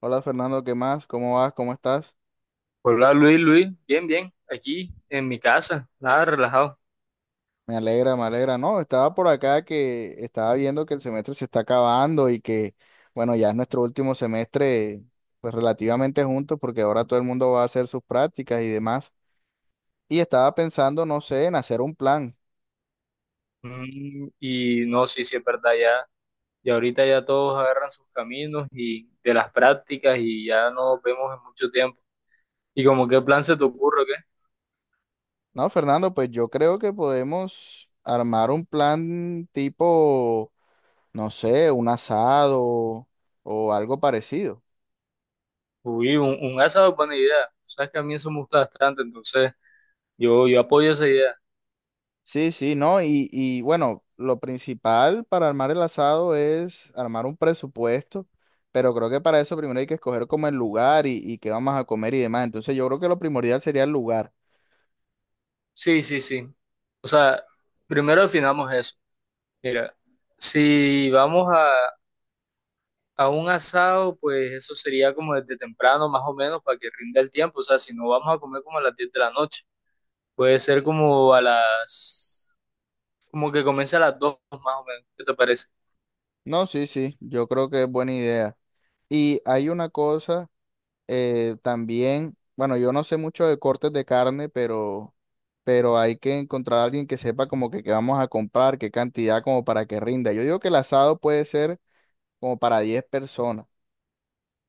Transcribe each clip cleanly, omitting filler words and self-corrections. Hola Fernando, ¿qué más? ¿Cómo vas? ¿Cómo estás? Hola Luis, Luis, bien, bien, aquí en mi casa, nada, relajado. Me alegra, me alegra. No, estaba por acá que estaba viendo que el semestre se está acabando bueno, ya es nuestro último semestre, pues relativamente juntos, porque ahora todo el mundo va a hacer sus prácticas y demás. Y estaba pensando, no sé, en hacer un plan. Mm, y no, sí, sí, es verdad, ya, ya ahorita ya todos agarran sus caminos y de las prácticas y ya no nos vemos en mucho tiempo. ¿Y como qué plan se te ocurre, o qué? No, Fernando, pues yo creo que podemos armar un plan tipo, no sé, un asado o algo parecido. Uy, un asado es buena idea. Sabes que a mí eso me gusta bastante, entonces yo apoyo esa idea. Sí, sí, ¿no? Y bueno, lo principal para armar el asado es armar un presupuesto, pero creo que para eso primero hay que escoger como el lugar y qué vamos a comer y demás. Entonces yo creo que lo primordial sería el lugar. Sí, sí, sí. O sea, primero definamos eso. Mira, si vamos a A un asado, pues eso sería como desde temprano, más o menos, para que rinda el tiempo. O sea, si no vamos a comer como a las 10 de la noche, puede ser como como que comience a las 2 más o menos. ¿Qué te parece? No, sí, sí, yo creo que es buena idea. Y hay una cosa también, bueno, yo no sé mucho de cortes de carne, pero hay que encontrar a alguien que sepa como que qué vamos a comprar, qué cantidad, como para que rinda. Yo digo que el asado puede ser como para 10 personas.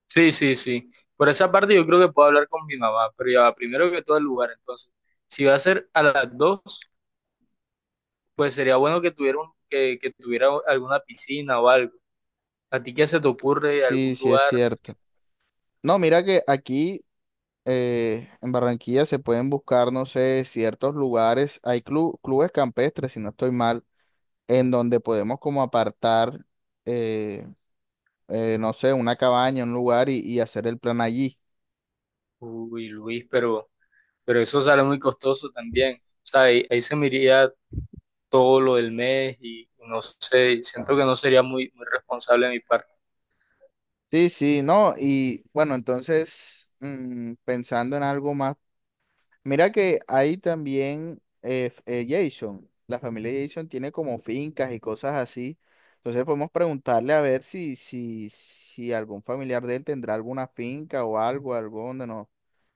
Sí, sí, sí. Por esa parte yo creo que puedo hablar con mi mamá, pero ya va, primero que todo el lugar. Entonces, si va a ser a las dos, pues sería bueno que tuviera, que tuviera alguna piscina o algo. ¿A ti qué se te ocurre Sí, algún sí es lugar? cierto. No, mira que aquí en Barranquilla se pueden buscar, no sé, ciertos lugares. Hay clubes campestres, si no estoy mal, en donde podemos como apartar, eh, no sé, una cabaña, un lugar y hacer el plan allí. Uy, Luis, pero eso sale muy costoso también. O sea, ahí se me iría todo lo del mes y no sé, siento que no sería muy responsable de mi parte. Sí, sí, no. Y bueno, entonces, pensando en algo más. Mira que hay también Jason, la familia Jason tiene como fincas y cosas así. Entonces podemos preguntarle a ver si algún familiar de él tendrá alguna finca o algo, algo donde no,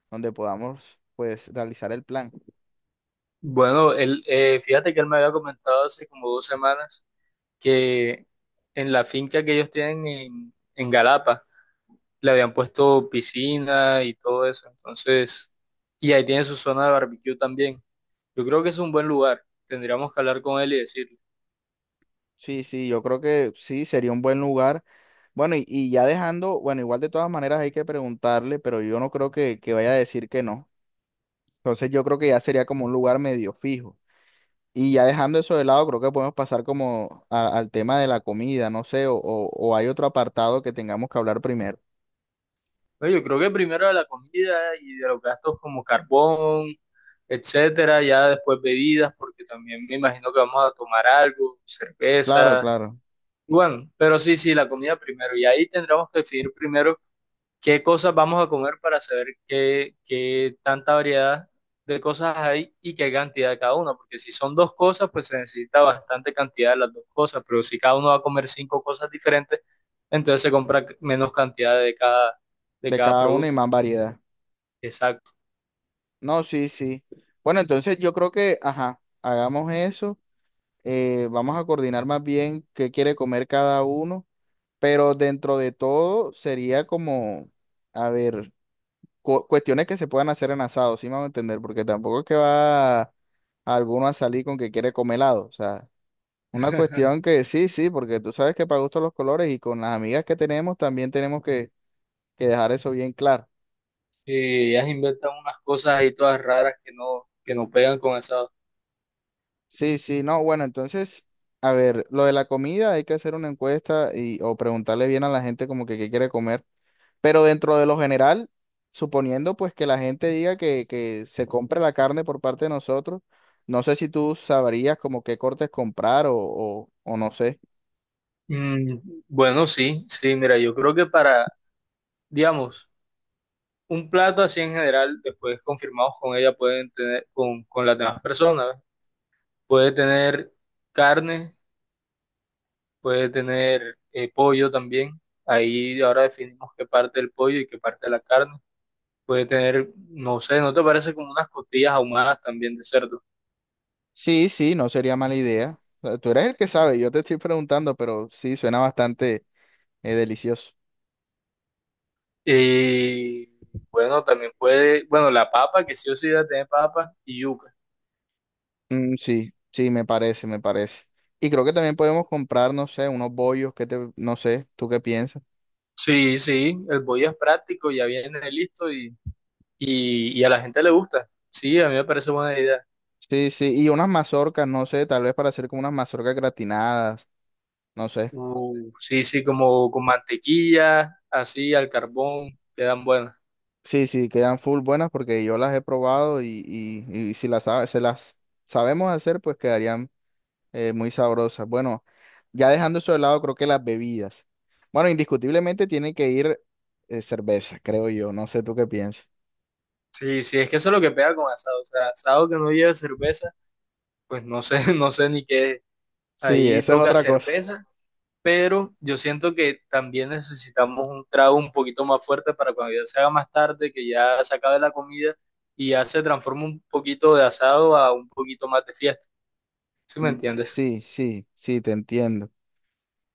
donde podamos pues realizar el plan. Bueno, él, fíjate que él me había comentado hace como dos semanas que en la finca que ellos tienen en Galapa le habían puesto piscina y todo eso, entonces, y ahí tiene su zona de barbecue también. Yo creo que es un buen lugar, tendríamos que hablar con él y decirle. Sí, sí, yo creo que sí, sería un buen lugar. Bueno, y ya dejando, bueno, igual de todas maneras hay que preguntarle, pero yo no creo que vaya a decir que no. Entonces yo creo que ya sería como un lugar medio fijo. Y ya dejando eso de lado, creo que podemos pasar como al tema de la comida, no sé, o hay otro apartado que tengamos que hablar primero. Oye, yo creo que primero de la comida y de los gastos como carbón, etcétera. Ya después bebidas, porque también me imagino que vamos a tomar algo, Claro, cerveza. claro, Bueno, pero sí, sí, la comida primero. Y ahí tendremos que definir primero qué cosas vamos a comer para saber qué tanta variedad de cosas hay y qué cantidad de cada una. Porque si son dos cosas, pues se necesita bastante cantidad de las dos cosas. Pero si cada uno va a comer cinco cosas diferentes, entonces se compra menos cantidad de de cada cada uno y producto. más variedad. Exacto. No, sí, sí. Bueno, entonces yo creo que, ajá, hagamos eso. Vamos a coordinar más bien qué quiere comer cada uno, pero dentro de todo sería como, a ver, cuestiones que se puedan hacer en asado, sí me van a entender, porque tampoco es que va alguno a salir con que quiere comer helado, o sea. Una cuestión que sí, sí, porque tú sabes que para gusto los colores y con las amigas que tenemos también tenemos que dejar eso bien claro. Y ellas inventan unas cosas ahí todas raras que no pegan con esa. Sí, sí, no, bueno, entonces, a ver, lo de la comida hay que hacer una encuesta y o preguntarle bien a la gente como que qué quiere comer, pero dentro de lo general, suponiendo pues que la gente diga que se compre la carne por parte de nosotros, no sé si tú sabrías como qué cortes comprar o no sé. Mm, bueno, sí, sí, mira, yo creo que para, digamos, un plato así en general, después confirmados con ella, pueden tener, con las demás personas, puede tener carne, puede tener pollo también. Ahí ahora definimos qué parte del pollo y qué parte de la carne. Puede tener, no sé, ¿no te parece como unas costillas ahumadas también de cerdo? Sí, sí, no sería mala idea. O sea, tú eres el que sabe, yo te estoy preguntando, pero sí, suena bastante delicioso. Y bueno, también puede, bueno, la papa, que sí o sí debe tener papa y yuca. Mm, sí, sí, me parece, me parece. Y creo que también podemos comprar, no sé, unos bollos, que te, no sé, ¿tú qué piensas? Sí, sí, el bollo es práctico, ya viene listo y a la gente le gusta. Sí, a mí me parece buena idea. Sí, sí, y unas mazorcas, no sé, tal vez para hacer como unas mazorcas gratinadas, no sé. Sí, sí, como con mantequilla, así al carbón, quedan buenas. Sí, sí, quedan full buenas porque yo las he probado y si las, se las sabemos hacer, pues quedarían muy sabrosas. Bueno, ya dejando eso de lado, creo que las bebidas. Bueno, indiscutiblemente tiene que ir cerveza, creo yo. No sé tú qué piensas. Sí, sí, es que eso es lo que pega con asado. O sea, asado que no lleve cerveza, pues no sé, no sé ni qué. Es. Sí, Ahí esa es toca otra cosa. cerveza, pero yo siento que también necesitamos un trago un poquito más fuerte para cuando ya se haga más tarde, que ya se acabe la comida y ya se transforma un poquito de asado a un poquito más de fiesta, ¿sí me Mm. entiendes? Sí, sí, sí, te entiendo.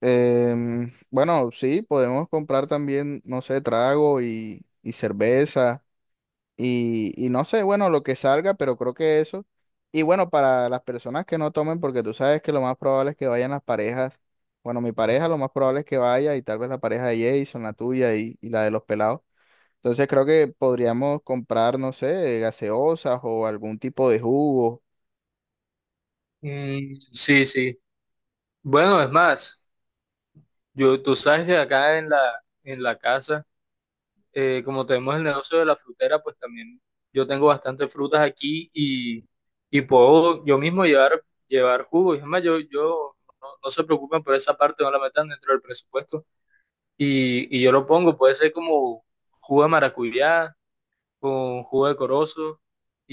Bueno, sí, podemos comprar también, no sé, trago y cerveza. Y no sé, bueno, lo que salga, pero creo que eso. Y bueno, para las personas que no tomen, porque tú sabes que lo más probable es que vayan las parejas. Bueno, mi pareja lo más probable es que vaya y tal vez la pareja de Jason, la tuya y la de los pelados. Entonces creo que podríamos comprar, no sé, gaseosas o algún tipo de jugo. Mm, sí, sí. Bueno, es más, yo, tú sabes que acá en la casa, como tenemos el negocio de la frutera, pues también yo tengo bastantes frutas aquí y puedo yo mismo llevar, llevar jugo. Y es más, yo no, no se preocupen por esa parte, no la metan dentro del presupuesto. Y yo lo pongo, puede ser como jugo de maracuyá con jugo de corozo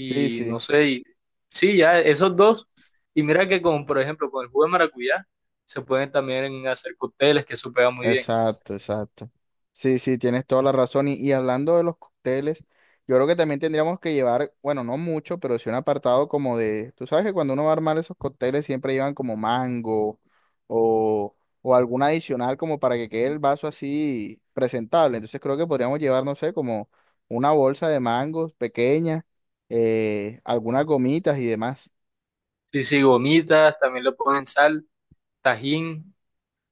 Sí, sí. no sé, sí, ya esos dos. Y mira que con, por ejemplo, con el jugo de maracuyá se pueden también hacer cócteles, que eso pega muy bien. Exacto, exacto. Sí, sí, tienes toda la razón. Y hablando de los cócteles, yo creo que también tendríamos que llevar, bueno, no mucho, pero sí un apartado como de, tú sabes que cuando uno va a armar esos cócteles siempre llevan como mango o, o algún adicional como para que quede el vaso así presentable. Entonces creo que podríamos llevar, no sé, como una bolsa de mangos pequeña, algunas gomitas y demás. Sí, sí, gomitas, también le ponen sal, tajín,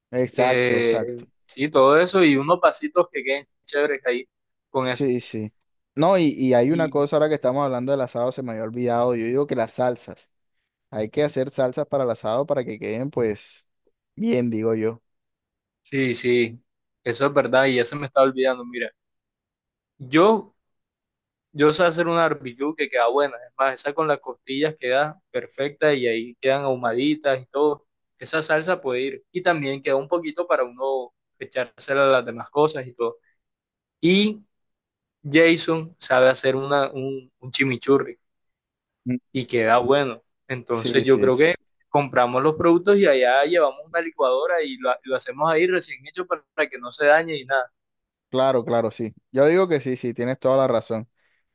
Exacto, eh, exacto. sí, todo eso y unos pasitos que queden chéveres ahí con eso. Sí, sí. No, y hay una Y cosa ahora que estamos hablando del asado, se me había olvidado. Yo digo que las salsas. Hay que hacer salsas para el asado para que queden, pues, bien, digo yo. sí, sí, eso es verdad y ya se me está olvidando. Mira, yo yo sé hacer una barbecue que queda buena. Es más, esa con las costillas queda perfecta y ahí quedan ahumaditas y todo. Esa salsa puede ir. Y también queda un poquito para uno echársela a las demás cosas y todo. Y Jason sabe hacer un chimichurri Mm. y queda bueno. Entonces Sí, yo sí. creo que compramos los productos y allá llevamos una licuadora y lo hacemos ahí recién hecho para que no se dañe y nada. Claro, claro, sí. Yo digo que sí, sí, tienes toda la razón.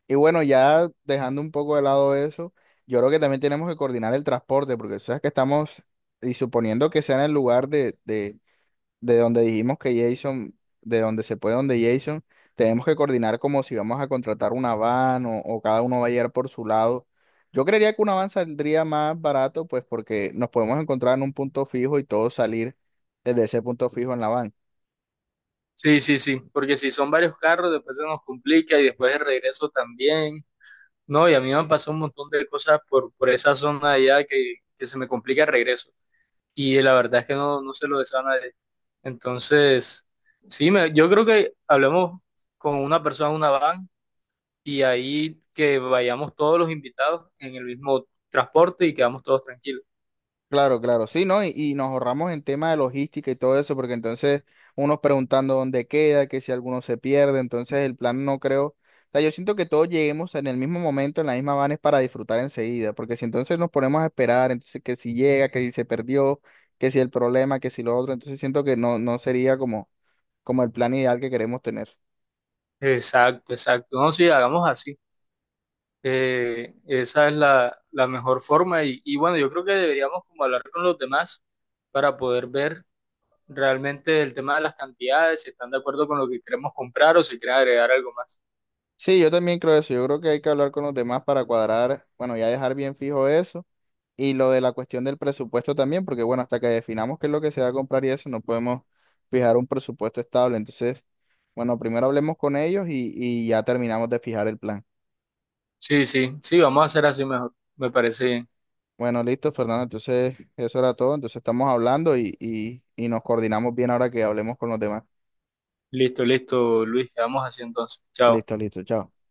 Y bueno, ya dejando un poco de lado eso, yo creo que también tenemos que coordinar el transporte, porque sabes que estamos, y suponiendo que sea en el lugar de donde dijimos que Jason, de donde se puede, donde Jason, tenemos que coordinar como si vamos a contratar una van o cada uno va a llegar por su lado. Yo creería que una van saldría más barato, pues porque nos podemos encontrar en un punto fijo y todos salir desde ese punto fijo en la van. Sí, sí, sí, porque si son varios carros, después se nos complica y después el regreso también. No, y a mí me han pasado un montón de cosas por esa zona de allá que se me complica el regreso. Y la verdad es que no, no se lo deseo a nadie. Entonces, sí, yo creo que hablemos con una persona en una van y ahí que vayamos todos los invitados en el mismo transporte y quedamos todos tranquilos. Claro, claro, sí, ¿no? Y nos ahorramos en tema de logística y todo eso, porque entonces unos preguntando dónde queda, que si alguno se pierde, entonces el plan no creo. O sea, yo siento que todos lleguemos en el mismo momento, en la misma van es para disfrutar enseguida, porque si entonces nos ponemos a esperar, entonces que si llega, que si se perdió, que si el problema, que si lo otro, entonces siento que no, no sería como, como el plan ideal que queremos tener. Exacto, exacto. No, sí, hagamos así. Esa es la mejor forma. Y bueno, yo creo que deberíamos como hablar con los demás para poder ver realmente el tema de las cantidades, si están de acuerdo con lo que queremos comprar o si quieren agregar algo más. Sí, yo también creo eso, yo creo que hay que hablar con los demás para cuadrar, bueno, ya dejar bien fijo eso. Y lo de la cuestión del presupuesto también, porque bueno, hasta que definamos qué es lo que se va a comprar y eso, no podemos fijar un presupuesto estable. Entonces, bueno, primero hablemos con ellos y ya terminamos de fijar el plan. Sí, sí, sí, vamos a hacer así mejor. Me parece bien. Bueno, listo, Fernando. Entonces, eso era todo. Entonces, estamos hablando y nos coordinamos bien ahora que hablemos con los demás. Listo, listo, Luis, quedamos así entonces. Chao. Listo, listo, chao.